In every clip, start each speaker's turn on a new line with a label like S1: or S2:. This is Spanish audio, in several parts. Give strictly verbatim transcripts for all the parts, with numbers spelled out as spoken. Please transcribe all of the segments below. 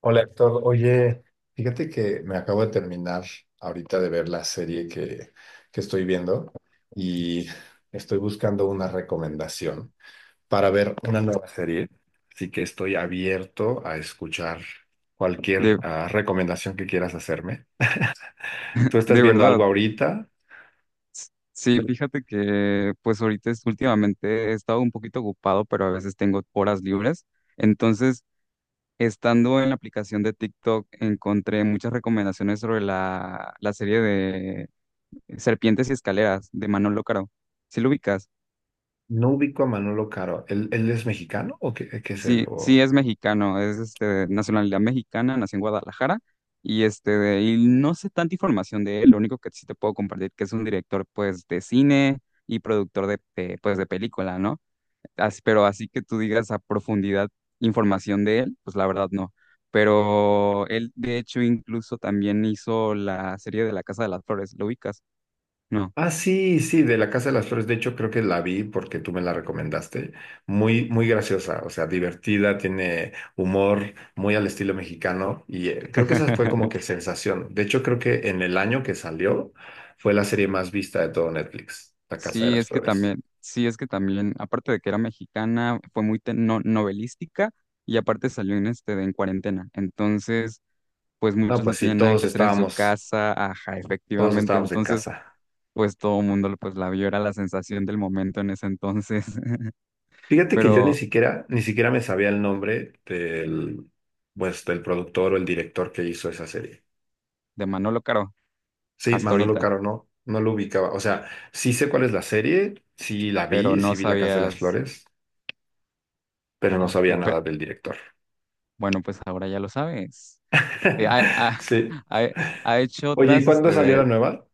S1: Hola Héctor, oye, fíjate que me acabo de terminar ahorita de ver la serie que, que estoy viendo y estoy buscando una recomendación para ver una nueva serie, así que estoy abierto a escuchar cualquier
S2: De,
S1: ah, recomendación que quieras hacerme. ¿Tú estás
S2: de
S1: viendo
S2: verdad.
S1: algo ahorita?
S2: S- Sí, fíjate que pues ahorita es- últimamente he estado un poquito ocupado, pero a veces tengo horas libres. Entonces, estando en la aplicación de TikTok, encontré muchas recomendaciones sobre la, la serie de eh, Serpientes y Escaleras de Manolo Caro. ¿Sí lo ubicas?
S1: No ubico a Manolo Caro. ¿Él, él es mexicano o qué, qué es él?
S2: Sí, sí es mexicano, es este de nacionalidad mexicana, nació en Guadalajara y este de- y no sé tanta información de él, lo único que sí te puedo compartir que es un director pues de cine y productor de, de, pues de película, ¿no? As- pero así que tú digas a profundidad información de él, pues la verdad no. Pero él de hecho incluso también hizo la serie de La Casa de las Flores, ¿lo ubicas? No.
S1: Ah, sí, sí, de la Casa de las Flores. De hecho, creo que la vi porque tú me la recomendaste. Muy, muy graciosa, o sea, divertida, tiene humor muy al estilo mexicano y eh, creo que esa fue como que sensación. De hecho, creo que en el año que salió fue la serie más vista de todo Netflix, La Casa de
S2: Sí,
S1: las
S2: es que
S1: Flores.
S2: también, sí, es que también, aparte de que era mexicana, fue muy te- no- novelística y aparte salió en este de en cuarentena. Entonces, pues
S1: No,
S2: muchos
S1: pues
S2: no
S1: sí,
S2: tenían nada
S1: todos
S2: que hacer en su
S1: estábamos,
S2: casa, ajá,
S1: todos
S2: efectivamente.
S1: estábamos en
S2: Entonces,
S1: casa.
S2: pues todo el mundo pues la vio, era la sensación del momento en ese entonces.
S1: Fíjate que yo ni
S2: Pero
S1: siquiera, ni siquiera me sabía el nombre del, pues, del productor o el director que hizo esa serie.
S2: de Manolo Caro,
S1: Sí,
S2: hasta
S1: Manolo
S2: ahorita,
S1: Caro no, no lo ubicaba. O sea, sí sé cuál es la serie, sí la
S2: pero
S1: vi,
S2: no
S1: sí vi La Casa de las
S2: sabías,
S1: Flores, pero no sabía
S2: ok, pe-
S1: nada del director.
S2: bueno, pues ahora ya lo sabes. Eh, ha, ha-
S1: Sí.
S2: ha- Ha hecho
S1: Oye, ¿y
S2: otras, este,
S1: cuándo salió la
S2: de,
S1: nueva?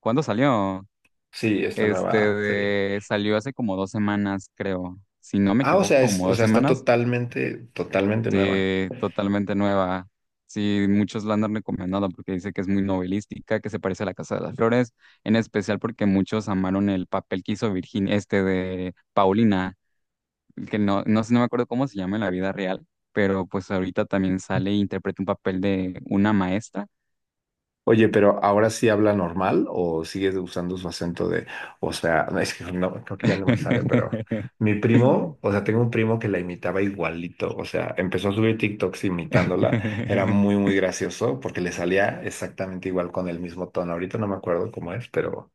S2: ¿cuándo salió?
S1: Sí, esta
S2: Este
S1: nueva serie.
S2: de- salió hace como dos semanas, creo. Si no me
S1: Ah, o
S2: equivoco,
S1: sea, es,
S2: como
S1: o
S2: dos
S1: sea, está
S2: semanas.
S1: totalmente, totalmente nueva.
S2: Sí, totalmente nueva. Sí, muchos la han recomendado porque dice que es muy novelística, que se parece a La Casa de las Flores, en especial porque muchos amaron el papel que hizo Virginia, este de Paulina, que no, no sé, no me acuerdo cómo se llama en la vida real, pero pues ahorita también sale e interpreta un papel de una maestra.
S1: Oye, pero ahora sí habla normal o sigues usando su acento de, o sea, no, es que no, creo que ya no me sale, pero mi primo, o sea, tengo un primo que la imitaba igualito, o sea, empezó a subir TikToks imitándola, era muy, muy gracioso porque le salía exactamente igual con el mismo tono. Ahorita no me acuerdo cómo es, pero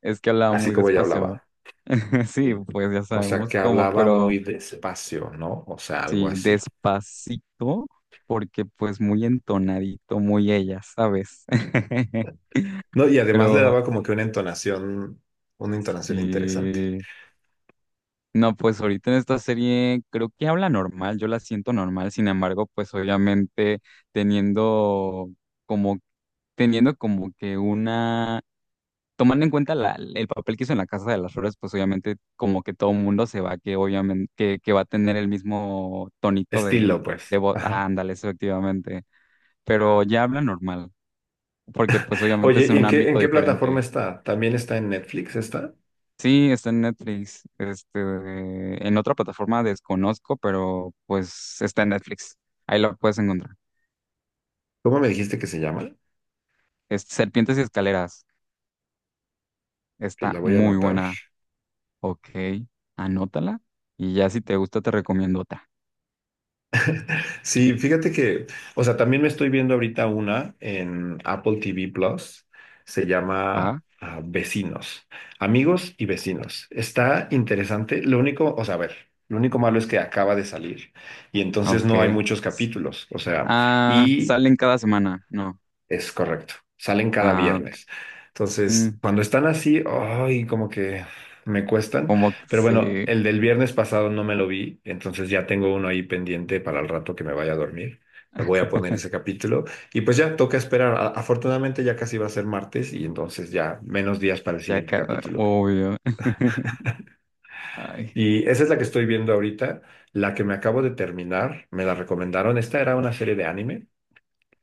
S2: Es que hablaba
S1: así
S2: muy
S1: como ella
S2: despacio.
S1: hablaba,
S2: Sí,
S1: sí.
S2: pues ya
S1: O sea,
S2: sabemos
S1: que
S2: cómo,
S1: hablaba
S2: pero
S1: muy despacio, ¿no? O sea, algo
S2: sí,
S1: así.
S2: despacito, porque pues muy entonadito, muy ella, ¿sabes?
S1: No, y además le
S2: Pero
S1: daba como que una entonación, una entonación interesante.
S2: sí, no, pues ahorita en esta serie creo que habla normal, yo la siento normal, sin embargo, pues obviamente teniendo como, teniendo como que una tomando en cuenta la- el papel que hizo en la Casa de las Flores, pues obviamente como que todo el mundo se va, que obviamente que, que va a tener el mismo tonito de,
S1: Estilo, pues.
S2: de voz. Ah,
S1: Ajá.
S2: ándale, eso efectivamente. Pero ya habla normal, porque pues obviamente
S1: Oye,
S2: es
S1: ¿y
S2: un
S1: en qué,
S2: ámbito
S1: en qué plataforma
S2: diferente.
S1: está? ¿También está en Netflix esta?
S2: Sí, está en Netflix. Este, en otra plataforma desconozco, pero pues está en Netflix. Ahí lo puedes encontrar.
S1: ¿Cómo me dijiste que se llama?
S2: Es Serpientes y Escaleras.
S1: Que
S2: Está
S1: la voy a
S2: muy
S1: anotar.
S2: buena. Ok, anótala. Y ya si te gusta, te recomiendo otra.
S1: Sí, fíjate que, o sea, también me estoy viendo ahorita una en Apple T V Plus. Se llama
S2: ¿Va?
S1: ah, Vecinos, Amigos y Vecinos. Está interesante. Lo único, o sea, a ver, lo único malo es que acaba de salir y entonces no hay
S2: Ok.
S1: muchos capítulos. O sea,
S2: Ah,
S1: y
S2: salen cada semana, no.
S1: Es correcto. Salen cada
S2: Ah, ok.
S1: viernes.
S2: Mm,
S1: Entonces, cuando están así, ay, como que me cuestan.
S2: como que
S1: Pero bueno,
S2: sí,
S1: el del viernes pasado no me lo vi, entonces ya tengo uno ahí pendiente para el rato que me vaya a dormir. Le voy a poner ese capítulo. Y pues ya toca esperar. A- Afortunadamente ya casi va a ser martes y entonces ya menos días para el
S2: ya
S1: siguiente
S2: cada,
S1: capítulo.
S2: obvio. Ay,
S1: Y esa es la que
S2: sí.
S1: estoy viendo ahorita. La que me acabo de terminar, me la recomendaron. Esta era una serie de anime.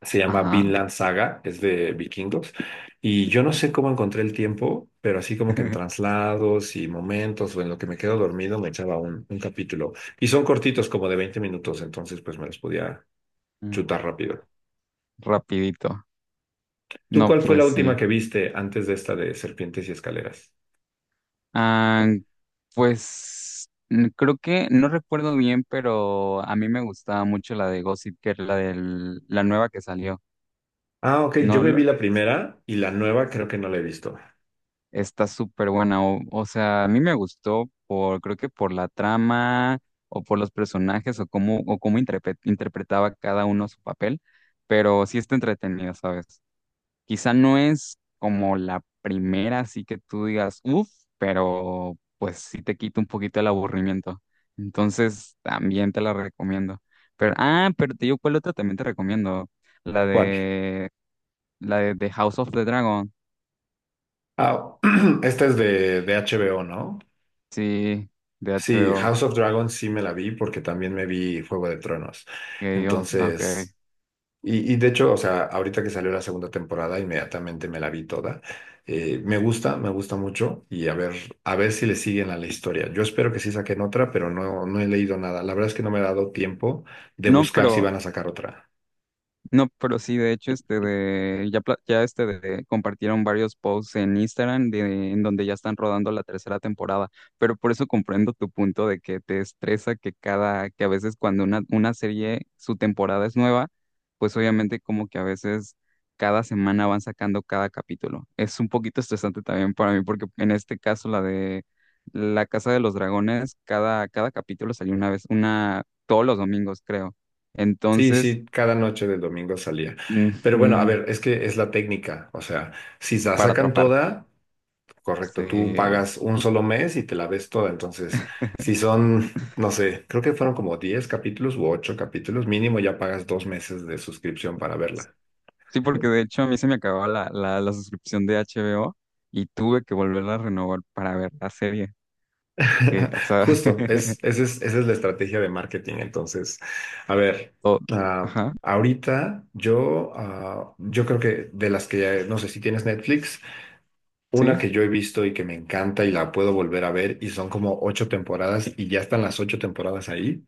S1: Se llama
S2: Ajá.
S1: Vinland Saga, es de vikingos. Y yo no sé cómo encontré el tiempo, pero así como que en traslados y momentos o en lo que me quedo dormido me echaba un, un capítulo. Y son cortitos, como de veinte minutos, entonces pues me los podía
S2: Mm,
S1: chutar rápido.
S2: rapidito.
S1: ¿Tú
S2: No,
S1: cuál fue
S2: pues
S1: la última
S2: sí.
S1: que viste antes de esta de Serpientes y Escaleras?
S2: Ah, pues mm, creo que no recuerdo bien, pero a mí me gustaba mucho la de Gossip Girl, la del, la nueva que salió.
S1: Ah, ok, yo
S2: No,
S1: me vi la primera y la nueva creo que no la he visto.
S2: está súper buena. O, o sea, a mí me gustó por, creo que por la trama o por los personajes o cómo, o cómo interpre- interpretaba cada uno su papel, pero sí está entretenido, ¿sabes? Quizá no es como la primera, así que tú digas, uff, pero pues sí te quita un poquito el aburrimiento. Entonces, también te la recomiendo. Pero, ah, pero te digo, ¿cuál otra también te recomiendo? La
S1: ¿Cuál?
S2: de, la de The House of the Dragon,
S1: Ah, esta es de, de H B O, ¿no?
S2: sí, de
S1: Sí,
S2: H B O.
S1: House of Dragons sí me la vi porque también me vi Juego de Tronos.
S2: Ok, yo, ah, ok.
S1: Entonces, y, y de hecho, o sea, ahorita que salió la segunda temporada, inmediatamente me la vi toda. Eh, me gusta, me gusta mucho y a ver, a ver si le siguen a la historia. Yo espero que sí saquen otra, pero no, no he leído nada. La verdad es que no me ha dado tiempo de
S2: No,
S1: buscar si
S2: pero
S1: van a sacar otra.
S2: no, pero sí, de hecho, este de, ya, pla- ya este de, compartieron varios posts en Instagram de, en donde ya están rodando la tercera temporada, pero por eso comprendo tu punto de que te estresa que cada, que a veces cuando una, una serie, su temporada es nueva, pues obviamente como que a veces cada semana van sacando cada capítulo. Es un poquito estresante también para mí, porque en este caso la de La Casa de los Dragones, cada, cada capítulo salió una vez, una, todos los domingos, creo.
S1: Sí,
S2: Entonces,
S1: sí, cada noche de domingo salía. Pero bueno, a
S2: ujú,
S1: ver, es que es la técnica. O sea, si la
S2: para
S1: sacan
S2: atrapar.
S1: toda... Correcto, tú
S2: Sí.
S1: pagas un solo mes y te la ves toda. Entonces, si son, no sé, creo que fueron como diez capítulos u ocho capítulos, mínimo ya pagas dos meses de suscripción para verla.
S2: Sí, porque de hecho a mí se me acababa la, la, la suscripción de H B O y tuve que volverla a renovar para ver la serie. Que, o sea,
S1: Justo, es, esa es, esa es la estrategia de marketing. Entonces, a ver,
S2: o-
S1: ah,
S2: ajá,
S1: ahorita yo, ah, yo creo que de las que ya, no sé si tienes Netflix, una
S2: sí,
S1: que yo he visto y que me encanta y la puedo volver a ver y son como ocho temporadas y ya están las ocho temporadas ahí.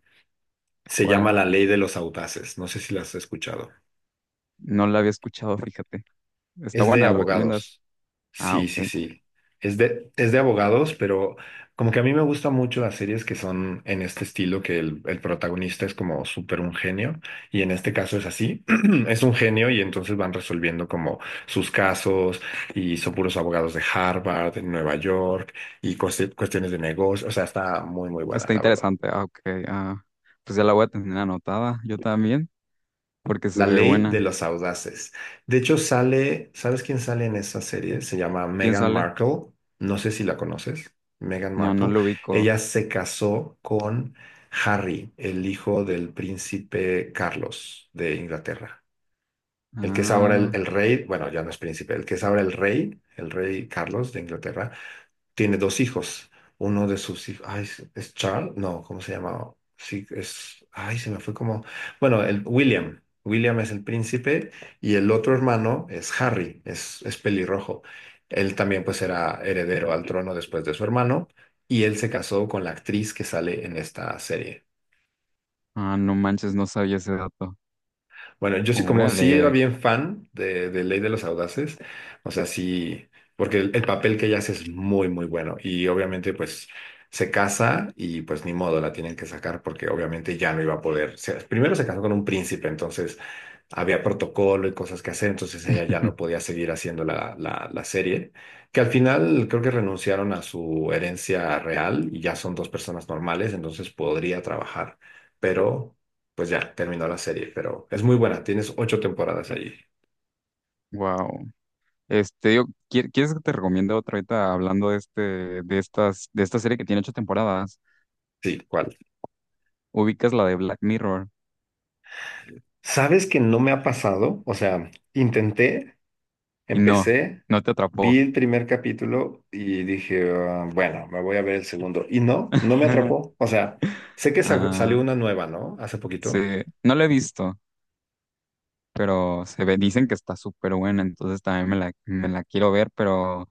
S1: Se llama
S2: ¿cuál?
S1: La Ley de los Audaces. No sé si la has escuchado.
S2: No la había escuchado, fíjate. Está
S1: Es de
S2: buena, ¿la recomiendas?
S1: abogados.
S2: Ah,
S1: Sí, sí,
S2: ok.
S1: sí. Es de, es de abogados, pero como que a mí me gustan mucho las series que son en este estilo, que el, el protagonista es como súper un genio, y en este caso es así, es un genio y entonces van resolviendo como sus casos y son puros abogados de Harvard, de Nueva York y cueste- cuestiones de negocio, o sea, está muy, muy buena,
S2: Está
S1: la verdad.
S2: interesante, ah, ok. Ah, pues ya la voy a tener anotada, yo también, porque se
S1: La
S2: ve
S1: ley de
S2: buena.
S1: los audaces. De hecho, sale, ¿sabes quién sale en esa serie? Se llama
S2: ¿Quién
S1: Meghan
S2: sale?
S1: Markle. No sé si la conoces. Meghan
S2: No, no
S1: Markle.
S2: lo
S1: Ella
S2: ubico.
S1: se casó con Harry, el hijo del príncipe Carlos de Inglaterra. El que es ahora el,
S2: Ah,
S1: el rey, bueno, ya no es príncipe, el que es ahora el rey, el rey Carlos de Inglaterra, tiene dos hijos. Uno de sus hijos, ay, ¿es es Charles? No, ¿cómo se llama? Sí, es, ay, se me fue como, bueno, el William. William es el príncipe y el otro hermano es Harry, es, es pelirrojo. Él también pues era heredero al trono después de su hermano y él se casó con la actriz que sale en esta serie.
S2: ah, no manches, no sabía ese dato.
S1: Bueno, yo sí, como sí era
S2: Órale.
S1: bien fan de, de Ley de los Audaces, o sea, sí, porque el, el papel que ella hace es muy, muy bueno. Y obviamente, pues, se casa y pues ni modo, la tienen que sacar porque obviamente ya no iba a poder. se- primero se casó con un príncipe, entonces había protocolo y cosas que hacer, entonces ella ya no podía seguir haciendo la, la, la serie, que al final creo que renunciaron a su herencia real y ya son dos personas normales, entonces podría trabajar, pero pues ya terminó la serie, pero es muy buena, tienes ocho temporadas allí.
S2: Wow. Este, yo, ¿quier- ¿quieres que te recomiende otra ahorita hablando de este, de estas, de esta serie que tiene ocho temporadas?
S1: Sí, ¿cuál?
S2: Ubicas la de Black Mirror
S1: ¿Sabes que no me ha pasado? O sea, intenté.
S2: y no,
S1: Empecé,
S2: no te
S1: vi
S2: atrapó.
S1: el primer capítulo y dije, "Ah, bueno, me voy a ver el segundo. Y no, no me atrapó. O sea, sé que sa-
S2: Ah,
S1: salió una nueva, ¿no? Hace
S2: sí,
S1: poquito.
S2: no la he visto, pero se ve, dicen que está súper buena, entonces también me la, me la quiero ver, pero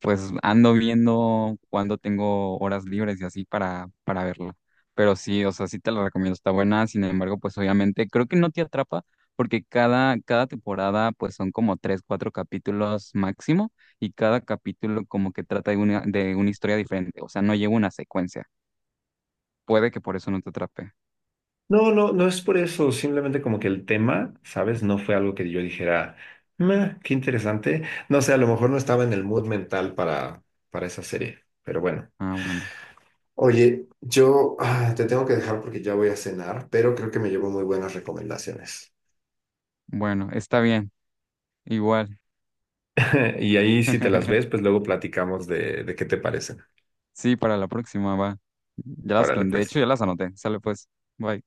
S2: pues ando viendo cuando tengo horas libres y así para, para verla. Pero sí, o sea, sí te la recomiendo, está buena. Sin embargo, pues obviamente creo que no te atrapa porque cada, cada temporada pues son como tres, cuatro capítulos máximo y cada capítulo como que trata de una, de una historia diferente. O sea, no lleva una secuencia. Puede que por eso no te atrape.
S1: No, no, no es por eso. Simplemente como que el tema, ¿sabes? No fue algo que yo dijera, "Meh, qué interesante. No sé, a lo mejor no estaba en el mood mental para, para esa serie, pero bueno.
S2: Ah, bueno.
S1: Oye, yo ah, te tengo que dejar porque ya voy a cenar, pero creo que me llevo muy buenas recomendaciones.
S2: Bueno, está bien. Igual.
S1: Y ahí si te las ves, pues luego platicamos de, de qué te parecen.
S2: Sí, para la próxima va. Ya las,
S1: Órale,
S2: de hecho,
S1: pues.
S2: ya las anoté. Sale pues. Bye.